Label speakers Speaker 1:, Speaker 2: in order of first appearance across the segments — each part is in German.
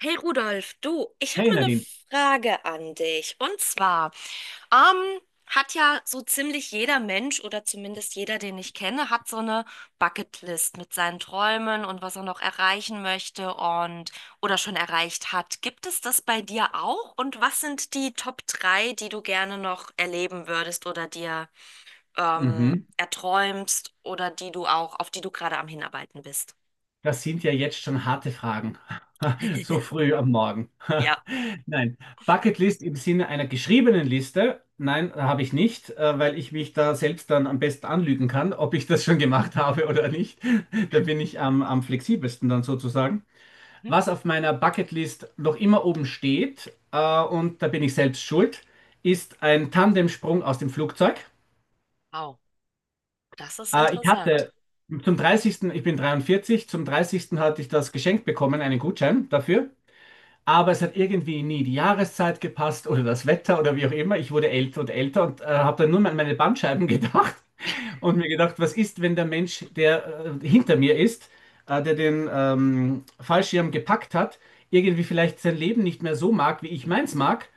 Speaker 1: Hey Rudolf, du, ich habe
Speaker 2: Hey
Speaker 1: mal eine
Speaker 2: Nadine.
Speaker 1: Frage an dich. Und zwar, ähm, hat ja so ziemlich jeder Mensch oder zumindest jeder, den ich kenne, hat so eine Bucketlist mit seinen Träumen und was er noch erreichen möchte und oder schon erreicht hat. Gibt es das bei dir auch? Und was sind die Top 3, die du gerne noch erleben würdest oder dir
Speaker 2: Mhm.
Speaker 1: erträumst oder die du auch, auf die du gerade am Hinarbeiten bist?
Speaker 2: Das sind ja jetzt schon harte Fragen. So früh am Morgen.
Speaker 1: Ja.
Speaker 2: Nein, Bucketlist im Sinne einer geschriebenen Liste? Nein, habe ich nicht, weil ich mich da selbst dann am besten anlügen kann, ob ich das schon gemacht habe oder nicht. Da bin ich am flexibelsten dann sozusagen.
Speaker 1: Hm?
Speaker 2: Was auf meiner Bucketlist noch immer oben steht, und da bin ich selbst schuld, ist ein Tandemsprung aus dem Flugzeug.
Speaker 1: Wow, das ist
Speaker 2: Ich
Speaker 1: interessant.
Speaker 2: hatte zum dreißigsten, ich bin 43, zum dreißigsten hatte ich das geschenkt bekommen, einen Gutschein dafür. Aber es hat irgendwie nie die Jahreszeit gepasst oder das Wetter oder wie auch immer. Ich wurde älter und älter und habe dann nur an meine Bandscheiben gedacht und mir gedacht, was ist, wenn der Mensch, der hinter mir ist, der den Fallschirm gepackt hat, irgendwie vielleicht sein Leben nicht mehr so mag, wie ich meins mag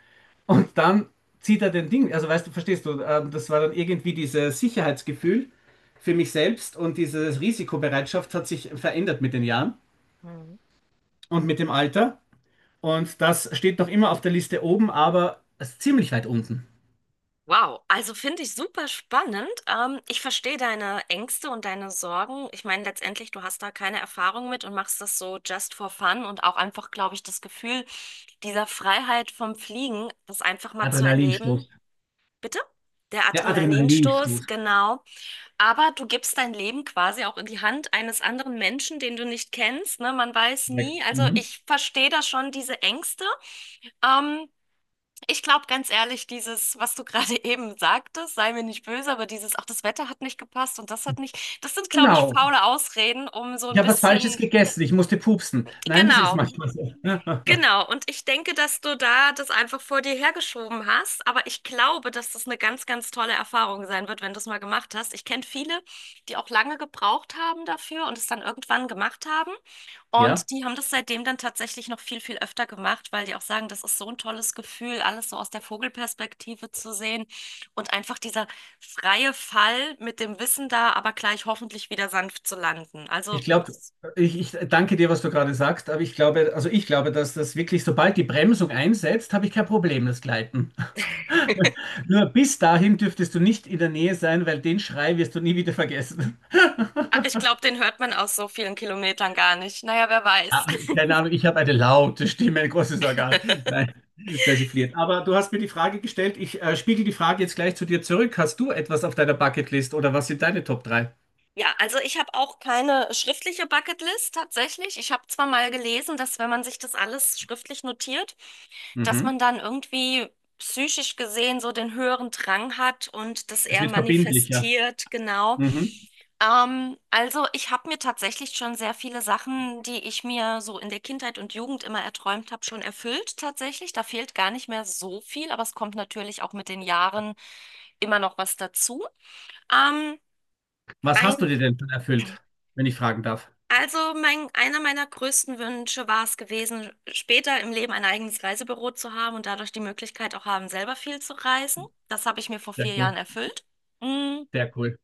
Speaker 2: und dann zieht er den Ding, also weißt du, verstehst du, das war dann irgendwie dieses Sicherheitsgefühl für mich selbst, und diese Risikobereitschaft hat sich verändert mit den Jahren
Speaker 1: Mhm.
Speaker 2: und mit dem Alter. Und das steht noch immer auf der Liste oben, aber es ist ziemlich weit unten.
Speaker 1: Wow, also finde ich super spannend. Ich verstehe deine Ängste und deine Sorgen. Ich meine, letztendlich, du hast da keine Erfahrung mit und machst das so just for fun und auch einfach, glaube ich, das Gefühl dieser Freiheit vom Fliegen, das einfach mal zu erleben.
Speaker 2: Adrenalinstoß.
Speaker 1: Bitte? Der
Speaker 2: Der
Speaker 1: Adrenalinstoß,
Speaker 2: Adrenalinstoß.
Speaker 1: genau. Aber du gibst dein Leben quasi auch in die Hand eines anderen Menschen, den du nicht kennst, ne? Man weiß
Speaker 2: Korrekt.
Speaker 1: nie. Also
Speaker 2: Mhm.
Speaker 1: ich verstehe da schon diese Ängste. Ähm, Ich glaube ganz ehrlich, dieses, was du gerade eben sagtest, sei mir nicht böse, aber dieses, ach, das Wetter hat nicht gepasst und das hat nicht, das sind, glaube ich,
Speaker 2: Genau.
Speaker 1: faule Ausreden, um so
Speaker 2: Ich
Speaker 1: ein
Speaker 2: habe was Falsches
Speaker 1: bisschen,
Speaker 2: gegessen, ich musste pupsen. Nein, das ist
Speaker 1: genau.
Speaker 2: manchmal so.
Speaker 1: Genau, und ich denke, dass du da das einfach vor dir hergeschoben hast, aber ich glaube, dass das eine ganz, ganz tolle Erfahrung sein wird, wenn du es mal gemacht hast. Ich kenne viele, die auch lange gebraucht haben dafür und es dann irgendwann gemacht haben.
Speaker 2: Ja.
Speaker 1: Und die haben das seitdem dann tatsächlich noch viel, viel öfter gemacht, weil die auch sagen, das ist so ein tolles Gefühl, alles so aus der Vogelperspektive zu sehen und einfach dieser freie Fall mit dem Wissen da, aber gleich hoffentlich wieder sanft zu landen. Also,
Speaker 2: Ich glaube,
Speaker 1: das.
Speaker 2: ich danke dir, was du gerade sagst, aber ich glaube, also ich glaube, dass das wirklich, sobald die Bremsung einsetzt, habe ich kein Problem, das Gleiten. Nur bis dahin dürftest du nicht in der Nähe sein, weil den Schrei wirst du nie wieder vergessen.
Speaker 1: Ach, ich glaube, den hört man aus so vielen Kilometern gar nicht. Naja, wer weiß.
Speaker 2: Ah, keine Ahnung, ich habe eine laute Stimme, ein großes Organ. Nein, persifliert. Aber du hast mir die Frage gestellt, ich spiegel die Frage jetzt gleich zu dir zurück. Hast du etwas auf deiner Bucketlist oder was sind deine Top 3?
Speaker 1: Ja, also ich habe auch keine schriftliche Bucketlist tatsächlich. Ich habe zwar mal gelesen, dass wenn man sich das alles schriftlich notiert, dass
Speaker 2: Mhm.
Speaker 1: man dann irgendwie psychisch gesehen so den höheren Drang hat und das
Speaker 2: Es
Speaker 1: eher
Speaker 2: wird verbindlicher.
Speaker 1: manifestiert, genau.
Speaker 2: Mhm.
Speaker 1: Also ich habe mir tatsächlich schon sehr viele Sachen, die ich mir so in der Kindheit und Jugend immer erträumt habe, schon erfüllt tatsächlich. Da fehlt gar nicht mehr so viel, aber es kommt natürlich auch mit den Jahren immer noch was dazu. Ähm,
Speaker 2: Was
Speaker 1: ein,
Speaker 2: hast du dir denn schon erfüllt, wenn ich fragen darf?
Speaker 1: also mein, einer meiner größten Wünsche war es gewesen, später im Leben ein eigenes Reisebüro zu haben und dadurch die Möglichkeit auch haben, selber viel zu reisen. Das habe ich mir vor
Speaker 2: Sehr
Speaker 1: 4 Jahren
Speaker 2: cool,
Speaker 1: erfüllt. Mm.
Speaker 2: sehr cool.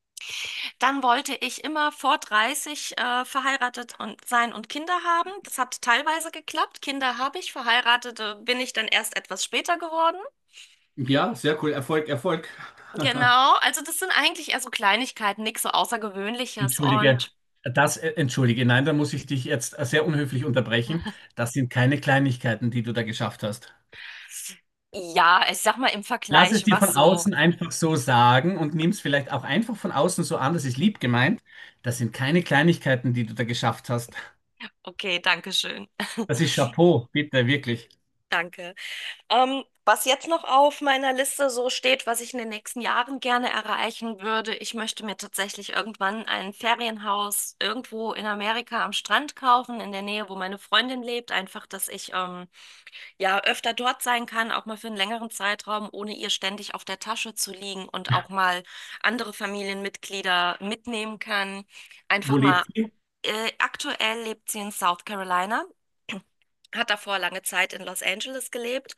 Speaker 1: Dann wollte ich immer vor 30 verheiratet und sein und Kinder haben. Das hat teilweise geklappt. Kinder habe ich, verheiratete bin ich dann erst etwas später geworden.
Speaker 2: Ja, sehr cool. Erfolg, Erfolg.
Speaker 1: Genau, also das sind eigentlich eher so Kleinigkeiten, nichts so Außergewöhnliches.
Speaker 2: Entschuldige,
Speaker 1: Und
Speaker 2: entschuldige, nein, da muss ich dich jetzt sehr unhöflich unterbrechen. Das sind keine Kleinigkeiten, die du da geschafft hast.
Speaker 1: ja, ich sag mal im
Speaker 2: Lass es
Speaker 1: Vergleich,
Speaker 2: dir
Speaker 1: was
Speaker 2: von
Speaker 1: so.
Speaker 2: außen einfach so sagen und nimm es vielleicht auch einfach von außen so an, das ist lieb gemeint. Das sind keine Kleinigkeiten, die du da geschafft hast.
Speaker 1: Okay, danke schön.
Speaker 2: Das ist Chapeau, bitte, wirklich.
Speaker 1: Danke. Was jetzt noch auf meiner Liste so steht, was ich in den nächsten Jahren gerne erreichen würde, ich möchte mir tatsächlich irgendwann ein Ferienhaus irgendwo in Amerika am Strand kaufen, in der Nähe, wo meine Freundin lebt, einfach, dass ich ja, öfter dort sein kann, auch mal für einen längeren Zeitraum, ohne ihr ständig auf der Tasche zu liegen und auch mal andere Familienmitglieder mitnehmen kann.
Speaker 2: Wo
Speaker 1: Einfach mal,
Speaker 2: lebt ihr?
Speaker 1: aktuell lebt sie in South Carolina, hat davor lange Zeit in Los Angeles gelebt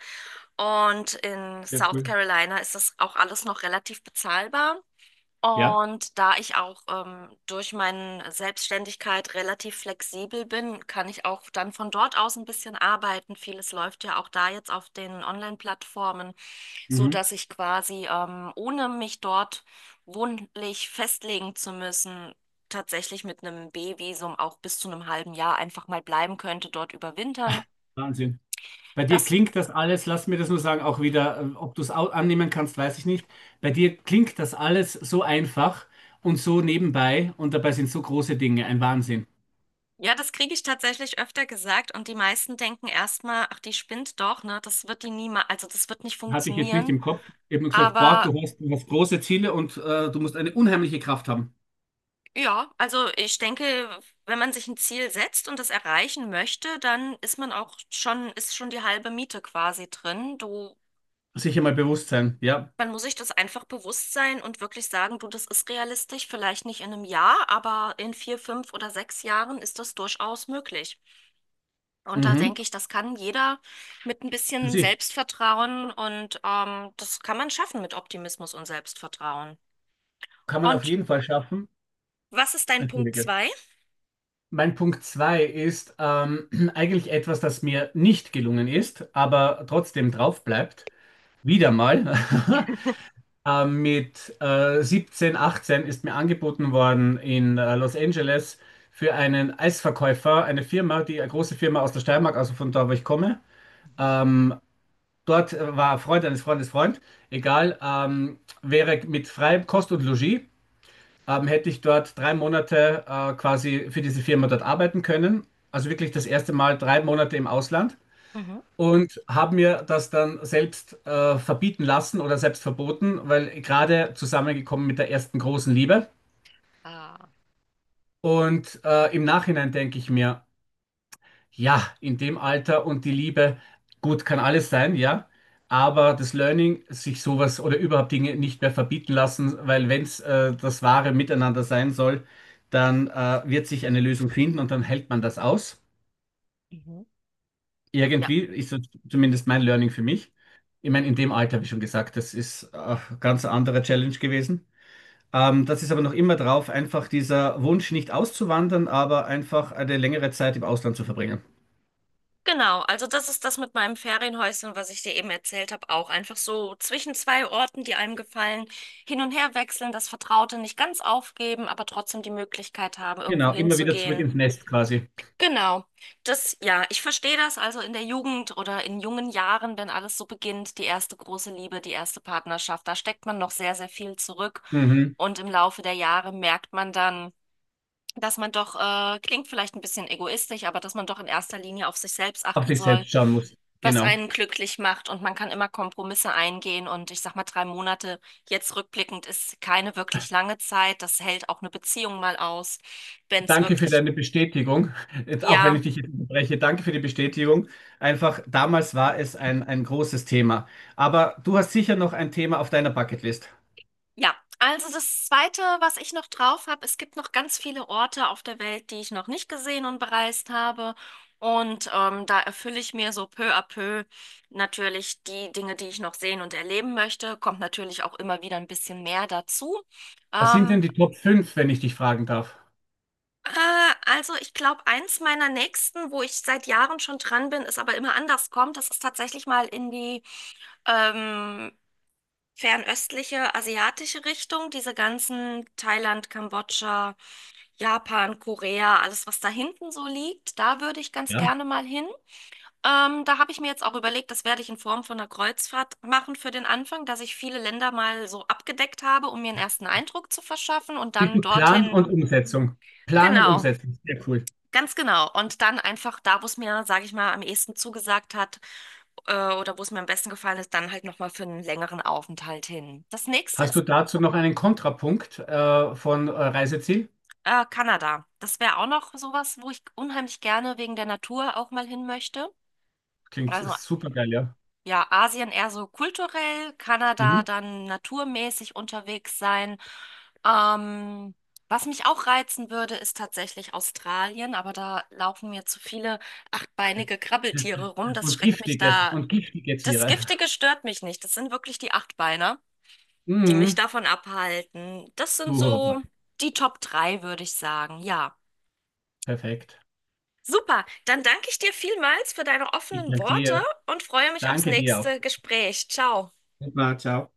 Speaker 1: und in
Speaker 2: Sehr
Speaker 1: South
Speaker 2: cool.
Speaker 1: Carolina ist das auch alles noch relativ bezahlbar.
Speaker 2: Ja,
Speaker 1: Und da ich auch durch meine Selbstständigkeit relativ flexibel bin, kann ich auch dann von dort aus ein bisschen arbeiten. Vieles läuft ja auch da jetzt auf den Online-Plattformen, so
Speaker 2: mhm.
Speaker 1: dass ich quasi ohne mich dort wohnlich festlegen zu müssen, tatsächlich mit einem B-Visum auch bis zu einem halben Jahr einfach mal bleiben könnte, dort überwintern.
Speaker 2: Wahnsinn. Bei dir
Speaker 1: Das.
Speaker 2: klingt das alles, lass mir das nur sagen, auch wieder, ob du es annehmen kannst, weiß ich nicht. Bei dir klingt das alles so einfach und so nebenbei, und dabei sind so große Dinge, ein Wahnsinn.
Speaker 1: Ja, das kriege ich tatsächlich öfter gesagt und die meisten denken erstmal, ach, die spinnt doch, ne? Das wird die niemals, also das wird nicht
Speaker 2: Hatte ich jetzt nicht
Speaker 1: funktionieren.
Speaker 2: im Kopf. Ich habe nur gesagt, boah,
Speaker 1: Aber
Speaker 2: du hast große Ziele und du musst eine unheimliche Kraft haben.
Speaker 1: ja, also ich denke, wenn man sich ein Ziel setzt und das erreichen möchte, dann ist man auch schon, ist schon die halbe Miete quasi drin. Du,
Speaker 2: Sicher mal bewusst sein, ja.
Speaker 1: man muss sich das einfach bewusst sein und wirklich sagen, du, das ist realistisch, vielleicht nicht in 1 Jahr, aber in 4, 5 oder 6 Jahren ist das durchaus möglich. Und da
Speaker 2: Mhm.
Speaker 1: denke ich, das kann jeder mit ein
Speaker 2: Für
Speaker 1: bisschen
Speaker 2: sich.
Speaker 1: Selbstvertrauen und das kann man schaffen mit Optimismus und Selbstvertrauen.
Speaker 2: Kann man auf
Speaker 1: Und
Speaker 2: jeden Fall schaffen.
Speaker 1: was ist dein Punkt
Speaker 2: Entschuldige.
Speaker 1: zwei?
Speaker 2: Mein Punkt zwei ist eigentlich etwas, das mir nicht gelungen ist, aber trotzdem drauf bleibt. Wieder mal. Mit 17, 18 ist mir angeboten worden in Los Angeles für einen Eisverkäufer, eine Firma, die eine große Firma aus der Steiermark, also von da, wo ich komme.
Speaker 1: Mhm.
Speaker 2: Ähm, dort war ein Freund eines Freundes Freund, egal, wäre mit freiem Kost und Logis, hätte ich dort 3 Monate quasi für diese Firma dort arbeiten können. Also wirklich das erste Mal 3 Monate im Ausland,
Speaker 1: Mhm.
Speaker 2: und habe mir das dann selbst verbieten lassen oder selbst verboten, weil gerade zusammengekommen mit der ersten großen Liebe.
Speaker 1: Ah.
Speaker 2: Und im Nachhinein denke ich mir, ja, in dem Alter und die Liebe, gut, kann alles sein, ja. Aber das Learning, sich sowas oder überhaupt Dinge nicht mehr verbieten lassen, weil wenn es das wahre Miteinander sein soll, dann wird sich eine Lösung finden und dann hält man das aus.
Speaker 1: Mhm. Ja,
Speaker 2: Irgendwie ist das zumindest mein Learning für mich. Ich meine, in dem Alter, wie schon gesagt, das ist ganz eine andere Challenge gewesen. Das ist aber noch immer drauf, einfach dieser Wunsch nicht auszuwandern, aber einfach eine längere Zeit im Ausland zu verbringen.
Speaker 1: genau. Also das ist das mit meinem Ferienhäuschen, was ich dir eben erzählt habe, auch einfach so zwischen zwei Orten, die einem gefallen, hin und her wechseln, das Vertraute nicht ganz aufgeben, aber trotzdem die Möglichkeit haben, irgendwo
Speaker 2: Genau, immer wieder zurück
Speaker 1: hinzugehen.
Speaker 2: ins Nest quasi.
Speaker 1: Genau. Das, ja, ich verstehe das. Also in der Jugend oder in jungen Jahren, wenn alles so beginnt, die erste große Liebe, die erste Partnerschaft, da steckt man noch sehr, sehr viel zurück.
Speaker 2: Mhm.
Speaker 1: Und im Laufe der Jahre merkt man dann, dass man doch, klingt vielleicht ein bisschen egoistisch, aber dass man doch in erster Linie auf sich selbst
Speaker 2: Auf
Speaker 1: achten
Speaker 2: sich
Speaker 1: soll,
Speaker 2: selbst schauen muss.
Speaker 1: was
Speaker 2: Genau.
Speaker 1: einen glücklich macht. Und man kann immer Kompromisse eingehen. Und ich sag mal, 3 Monate jetzt rückblickend ist keine wirklich lange Zeit. Das hält auch eine Beziehung mal aus, wenn es
Speaker 2: Danke für
Speaker 1: wirklich,
Speaker 2: deine Bestätigung. Jetzt, auch wenn ich
Speaker 1: ja.
Speaker 2: dich jetzt unterbreche, danke für die Bestätigung. Einfach, damals war es ein großes Thema. Aber du hast sicher noch ein Thema auf deiner Bucketlist.
Speaker 1: Ja, also das Zweite, was ich noch drauf habe, es gibt noch ganz viele Orte auf der Welt, die ich noch nicht gesehen und bereist habe. Und da erfülle ich mir so peu à peu natürlich die Dinge, die ich noch sehen und erleben möchte. Kommt natürlich auch immer wieder ein bisschen mehr dazu.
Speaker 2: Was sind denn
Speaker 1: Ähm,
Speaker 2: die Top 5, wenn ich dich fragen darf?
Speaker 1: äh, also ich glaube, eins meiner nächsten, wo ich seit Jahren schon dran bin, ist aber immer anders kommt, das ist tatsächlich mal in die ähm, fernöstliche asiatische Richtung, diese ganzen Thailand, Kambodscha. Japan, Korea, alles, was da hinten so liegt, da würde ich ganz
Speaker 2: Ja.
Speaker 1: gerne mal hin. Da habe ich mir jetzt auch überlegt, das werde ich in Form von einer Kreuzfahrt machen für den Anfang, dass ich viele Länder mal so abgedeckt habe, um mir einen ersten Eindruck zu verschaffen und
Speaker 2: Siehst
Speaker 1: dann
Speaker 2: du, Plan
Speaker 1: dorthin.
Speaker 2: und Umsetzung? Plan und
Speaker 1: Genau,
Speaker 2: Umsetzung, sehr cool.
Speaker 1: ganz genau. Und dann einfach da, wo es mir, sage ich mal, am ehesten zugesagt hat, oder wo es mir am besten gefallen ist, dann halt nochmal für einen längeren Aufenthalt hin. Das nächste
Speaker 2: Hast du
Speaker 1: ist
Speaker 2: dazu noch einen Kontrapunkt von Reiseziel?
Speaker 1: Kanada. Das wäre auch noch sowas, wo ich unheimlich gerne wegen der Natur auch mal hin möchte.
Speaker 2: Klingt
Speaker 1: Also
Speaker 2: super geil, ja.
Speaker 1: ja, Asien eher so kulturell, Kanada
Speaker 2: Mhm.
Speaker 1: dann naturmäßig unterwegs sein. Ähm, Was mich auch reizen würde, ist tatsächlich Australien, aber da laufen mir zu viele achtbeinige Krabbeltiere rum. Das schreckt mich da.
Speaker 2: Und giftige
Speaker 1: Das
Speaker 2: Tiere.
Speaker 1: Giftige stört mich nicht. Das sind wirklich die Achtbeiner, die mich
Speaker 2: Mhm.
Speaker 1: davon abhalten. Das sind
Speaker 2: Puh,
Speaker 1: so die Top 3, würde ich sagen. Ja.
Speaker 2: perfekt.
Speaker 1: Super, dann danke ich dir vielmals für deine
Speaker 2: Ich
Speaker 1: offenen
Speaker 2: danke
Speaker 1: Worte
Speaker 2: dir.
Speaker 1: und freue mich aufs
Speaker 2: Danke dir auch.
Speaker 1: nächste Gespräch. Ciao.
Speaker 2: Super, ciao.